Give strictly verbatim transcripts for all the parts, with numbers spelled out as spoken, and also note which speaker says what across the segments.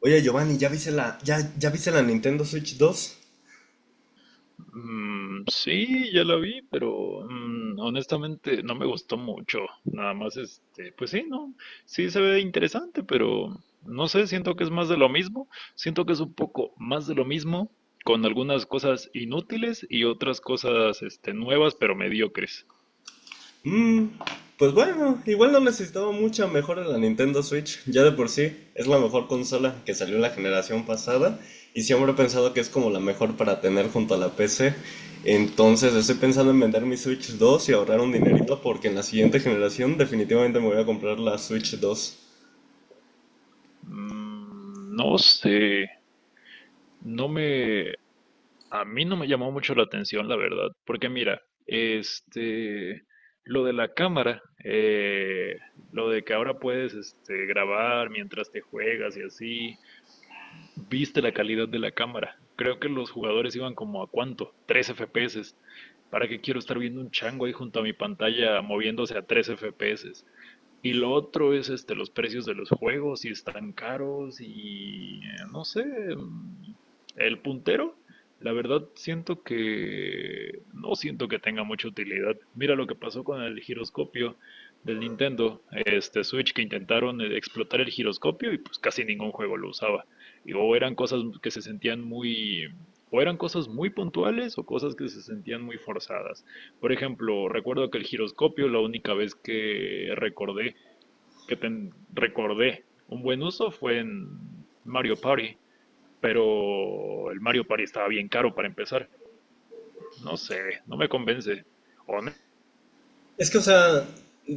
Speaker 1: Oye, Giovanni, ¿ya viste la, ya, ya viste la Nintendo Switch dos?
Speaker 2: Mm, sí, ya la vi, pero mm, honestamente no me gustó mucho. Nada más, este, pues sí, no, sí se ve interesante, pero no sé, siento que es más de lo mismo. Siento que es un poco más de lo mismo, con algunas cosas inútiles y otras cosas, este, nuevas, pero mediocres.
Speaker 1: Mm, pues bueno, igual no necesitaba mucha mejora la Nintendo Switch. Ya de por sí es la mejor consola que salió en la generación pasada. Y siempre he pensado que es como la mejor para tener junto a la P C. Entonces estoy pensando en vender mi Switch dos y ahorrar un dinerito porque en la siguiente generación definitivamente me voy a comprar la Switch dos.
Speaker 2: Mm, no sé, no me, a mí no me llamó mucho la atención, la verdad, porque mira, este, lo de la cámara, eh, lo de que ahora puedes, este, grabar mientras te juegas y así, viste la calidad de la cámara. Creo que los jugadores iban como a cuánto, tres F P S. ¿Para qué quiero estar viendo un chango ahí junto a mi pantalla moviéndose a tres F P S? Y lo otro es este, los precios de los juegos, si están caros y eh, no sé, mm, el puntero, la verdad siento que no siento que tenga mucha utilidad. Mira lo que pasó con el giroscopio del Nintendo, este Switch, que intentaron eh, explotar el giroscopio y pues casi ningún juego lo usaba. Y o eran cosas que se sentían muy, o eran cosas muy puntuales o cosas que se sentían muy forzadas. Por ejemplo, recuerdo que el giroscopio, la única vez que recordé que te recordé un buen uso fue en Mario Party, pero el Mario Party estaba bien caro para empezar. No sé, no me convence. O no,
Speaker 1: Es que, o sea,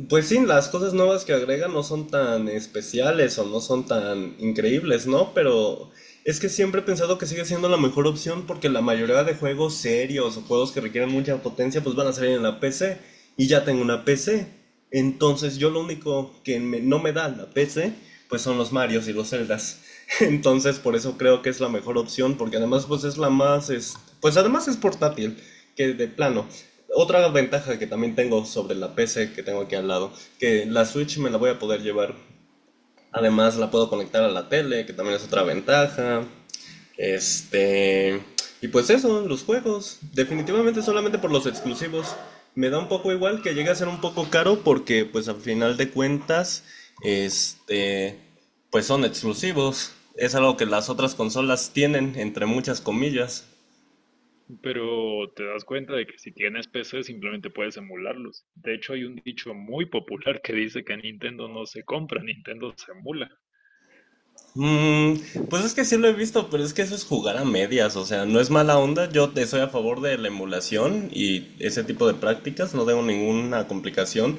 Speaker 1: pues sí, las cosas nuevas que agregan no son tan especiales o no son tan increíbles, ¿no? Pero es que siempre he pensado que sigue siendo la mejor opción porque la mayoría de juegos serios o juegos que requieren mucha potencia pues van a salir en la P C y ya tengo una P C. Entonces yo lo único que me- no me da la P C pues son los Marios y los Zeldas. Entonces por eso creo que es la mejor opción porque además pues es la más, es- pues además es portátil, que de plano. Otra ventaja que también tengo sobre la P C que tengo aquí al lado, que la Switch me la voy a poder llevar. Además la puedo conectar a la tele, que también es otra ventaja. Este... Y pues eso, los juegos. Definitivamente solamente por los exclusivos. Me da un poco igual que llegue a ser un poco caro porque pues al final de cuentas, este... pues son exclusivos. Es algo que las otras consolas tienen, entre muchas comillas.
Speaker 2: pero te das cuenta de que si tienes P C simplemente puedes emularlos. De hecho, hay un dicho muy popular que dice que Nintendo no se compra, Nintendo se emula.
Speaker 1: Mm, pues es que sí lo he visto, pero es que eso es jugar a medias, o sea, no es mala onda, yo te soy a favor de la emulación y ese tipo de prácticas, no tengo ninguna complicación,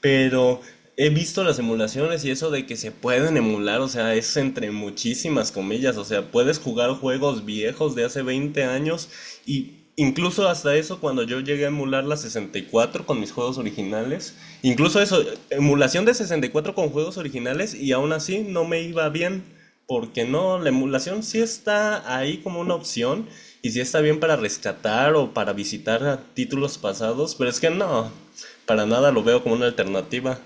Speaker 1: pero he visto las emulaciones y eso de que se pueden emular, o sea, es entre muchísimas comillas, o sea, puedes jugar juegos viejos de hace veinte años, y incluso hasta eso, cuando yo llegué a emular la sesenta y cuatro con mis juegos originales, incluso eso, emulación de sesenta y cuatro con juegos originales, y aún así no me iba bien, porque no, la emulación sí está ahí como una opción y sí está bien para rescatar o para visitar a títulos pasados, pero es que no, para nada lo veo como una alternativa.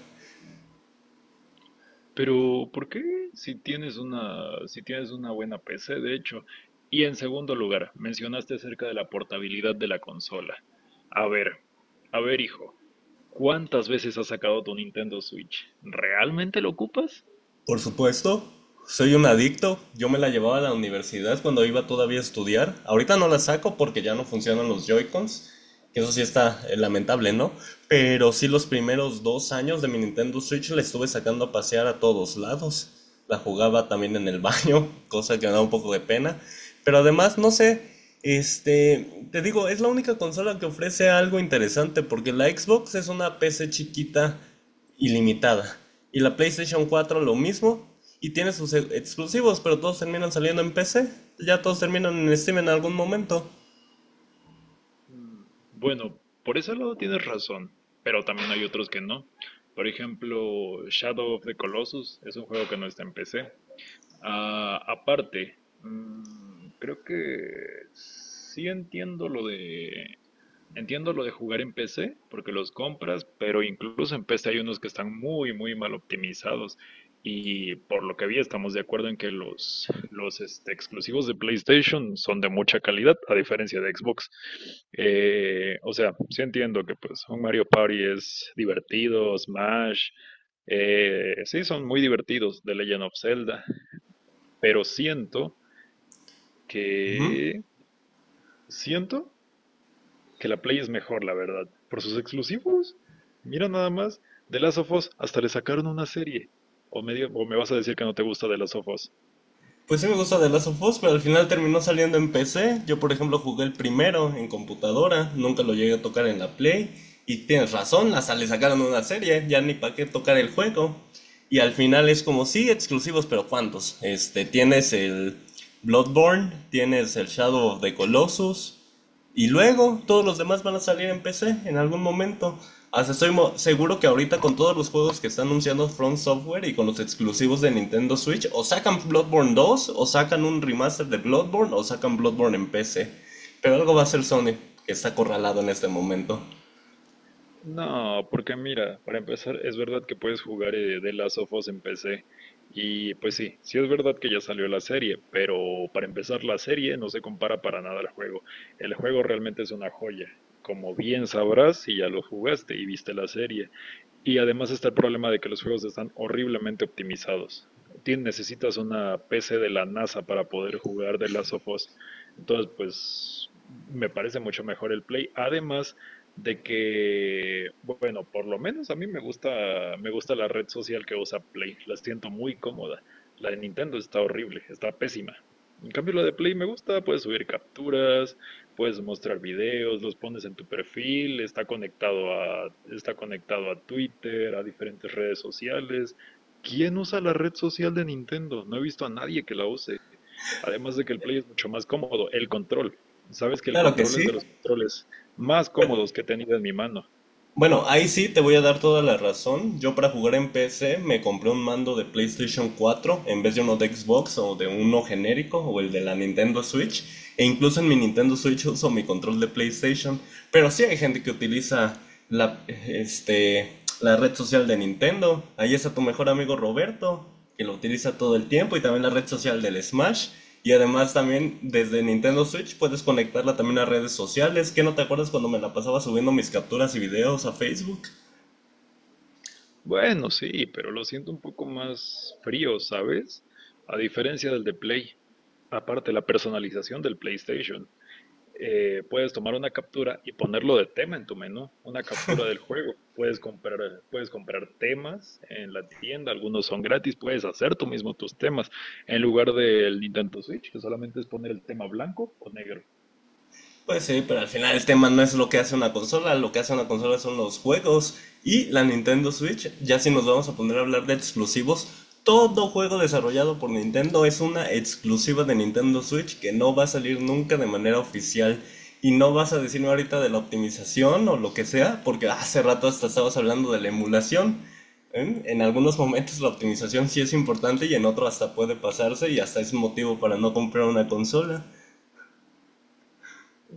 Speaker 2: Pero ¿por qué? Si tienes una, si tienes una buena P C, de hecho. Y en segundo lugar, mencionaste acerca de la portabilidad de la consola. A ver, a ver, hijo, ¿cuántas veces has sacado tu Nintendo Switch? ¿Realmente lo ocupas?
Speaker 1: Por supuesto, soy un adicto. Yo me la llevaba a la universidad cuando iba todavía a estudiar. Ahorita no la saco porque ya no funcionan los Joy-Cons. Que eso sí está eh, lamentable, ¿no? Pero sí los primeros dos años de mi Nintendo Switch la estuve sacando a pasear a todos lados. La jugaba también en el baño, cosa que me da un poco de pena. Pero además, no sé, este, te digo, es la única consola que ofrece algo interesante porque la Xbox es una P C chiquita ilimitada. Y la PlayStation cuatro lo mismo. Y tiene sus e- exclusivos, pero todos terminan saliendo en P C. Ya todos terminan en Steam en algún momento.
Speaker 2: Mm, Bueno, por ese lado tienes razón, pero también hay otros que no. Por ejemplo, Shadow of the Colossus es un juego que no está en P C. Ah, aparte, mm, creo que sí entiendo lo de entiendo lo de jugar en P C, porque los compras, pero incluso en P C hay unos que están muy, muy mal optimizados. Y por lo que vi, estamos de acuerdo en que los, los este, exclusivos de PlayStation son de mucha calidad, a diferencia de Xbox. Eh, o sea, sí entiendo que pues un Mario Party es divertido, Smash, eh, sí son muy divertidos The Legend of Zelda, pero siento
Speaker 1: Ujú.
Speaker 2: que siento que la Play es mejor, la verdad. Por sus exclusivos. Mira nada más. De Last of Us hasta le sacaron una serie. O me, diga- o me vas a decir que no te gusta de Last of Us.
Speaker 1: Pues sí me gusta The Last of Us, pero al final terminó saliendo en P C. Yo, por ejemplo, jugué el primero en computadora. Nunca lo llegué a tocar en la Play. Y tienes razón, hasta le sacaron una serie. Ya ni para qué tocar el juego. Y al final es como, sí, exclusivos, pero ¿cuántos? Este, tienes el Bloodborne, tienes el Shadow of the Colossus, y luego todos los demás van a salir en P C en algún momento. Hasta estoy seguro que ahorita, con todos los juegos que está anunciando From Software y con los exclusivos de Nintendo Switch, o sacan Bloodborne dos, o sacan un remaster de Bloodborne, o sacan Bloodborne en P C. Pero algo va a hacer Sony, que está acorralado en este momento.
Speaker 2: No, porque mira, para empezar, es verdad que puedes jugar de The Last of Us en P C. Y pues sí, sí es verdad que ya salió la serie, pero para empezar la serie no se compara para nada al juego. El juego realmente es una joya. Como bien sabrás si ya lo jugaste y viste la serie. Y además está el problema de que los juegos están horriblemente optimizados. Tien- necesitas una P C de la NASA para poder jugar The Last of Us. Entonces, pues me parece mucho mejor el Play. Además de que, bueno, por lo menos a mí me gusta, me gusta la red social que usa Play. La siento muy cómoda. La de Nintendo está horrible, está pésima. En cambio, la de Play me gusta, puedes subir capturas, puedes mostrar videos, los pones en tu perfil, está conectado a, está conectado a Twitter, a diferentes redes sociales. ¿Quién usa la red social de Nintendo? No he visto a nadie que la use. Además de que el Play es mucho más cómodo, el control. Sabes que el
Speaker 1: Claro que
Speaker 2: control es de
Speaker 1: sí.
Speaker 2: los controles más cómodos que he tenido en mi mano.
Speaker 1: Bueno, ahí sí te voy a dar toda la razón. Yo para jugar en P C me compré un mando de PlayStation cuatro en vez de uno de Xbox o de uno genérico o el de la Nintendo Switch. E incluso en mi Nintendo Switch uso mi control de PlayStation. Pero sí hay gente que utiliza la, este, la red social de Nintendo. Ahí es a tu mejor amigo Roberto, que lo utiliza todo el tiempo, y también la red social del Smash. Y además, también desde Nintendo Switch puedes conectarla también a redes sociales. ¿Qué no te acuerdas cuando me la pasaba subiendo mis capturas y videos a Facebook?
Speaker 2: Bueno, sí, pero lo siento un poco más frío, ¿sabes? A diferencia del de Play. Aparte, la personalización del PlayStation. eh, puedes tomar una captura y ponerlo de tema en tu menú, una captura del juego. Puedes comprar, puedes comprar temas en la tienda, algunos son gratis, puedes hacer tú mismo tus temas en lugar del Nintendo Switch, que solamente es poner el tema blanco o negro.
Speaker 1: Pues sí, pero al final el tema no es lo que hace una consola, lo que hace una consola son los juegos y la Nintendo Switch. Ya si nos vamos a poner a hablar de exclusivos, todo juego desarrollado por Nintendo es una exclusiva de Nintendo Switch que no va a salir nunca de manera oficial. Y no vas a decirme ahorita de la optimización o lo que sea, porque hace rato hasta estabas hablando de la emulación. ¿Eh? En algunos momentos la optimización sí es importante y en otros hasta puede pasarse y hasta es motivo para no comprar una consola.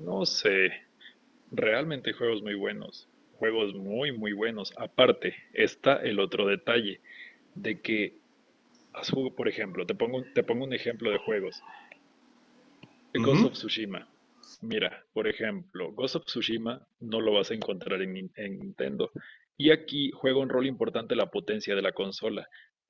Speaker 2: No sé, realmente hay juegos muy buenos, juegos muy, muy buenos. Aparte, está el otro detalle de que, has jug- por ejemplo, te pongo, un- te pongo un ejemplo de juegos. Ghost
Speaker 1: Ujú.
Speaker 2: of Tsushima. Mira, por ejemplo, Ghost of Tsushima no lo vas a encontrar en, Nin- en Nintendo. Y aquí juega un rol importante la potencia de la consola,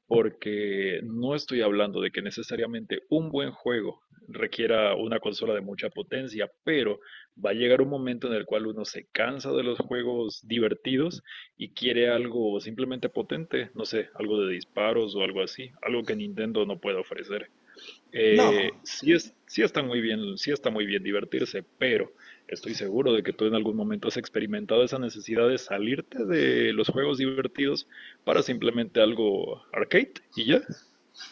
Speaker 2: porque no estoy hablando de que necesariamente un buen juego requiera una consola de mucha potencia, pero va a llegar un momento en el cual uno se cansa de los juegos divertidos y quiere algo simplemente potente, no sé, algo de disparos o algo así, algo que Nintendo no puede ofrecer.
Speaker 1: No.
Speaker 2: Eh, sí es, sí está muy bien, sí está muy bien divertirse, pero estoy seguro de que tú en algún momento has experimentado esa necesidad de salirte de los juegos divertidos para simplemente algo arcade y ya.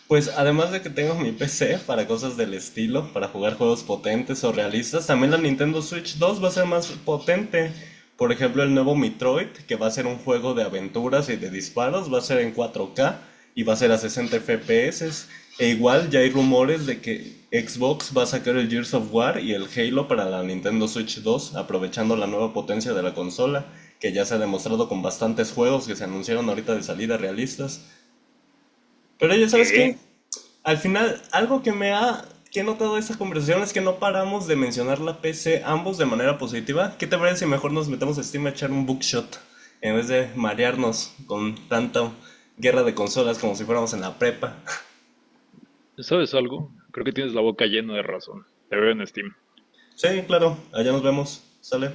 Speaker 1: Pues además de que tengo mi P C para cosas del estilo, para jugar juegos potentes o realistas, también la Nintendo Switch dos va a ser más potente. Por ejemplo, el nuevo Metroid, que va a ser un juego de aventuras y de disparos, va a ser en cuatro K y va a ser a sesenta F P S. E igual ya hay rumores de que Xbox va a sacar el Gears of War y el Halo para la Nintendo Switch dos, aprovechando la nueva potencia de la consola, que ya se ha demostrado con bastantes juegos que se anunciaron ahorita de salida realistas. Pero ya sabes qué,
Speaker 2: ¿Qué?
Speaker 1: al final, algo que me ha que he notado de esta conversación es que no paramos de mencionar la P C ambos de manera positiva. ¿Qué te parece si mejor nos metemos a Steam a echar un bookshot en vez de marearnos con tanta guerra de consolas como si fuéramos en la prepa?
Speaker 2: ¿Sabes algo? Creo que tienes la boca llena de razón. Te veo en Steam.
Speaker 1: Sí, claro, allá nos vemos. Sale.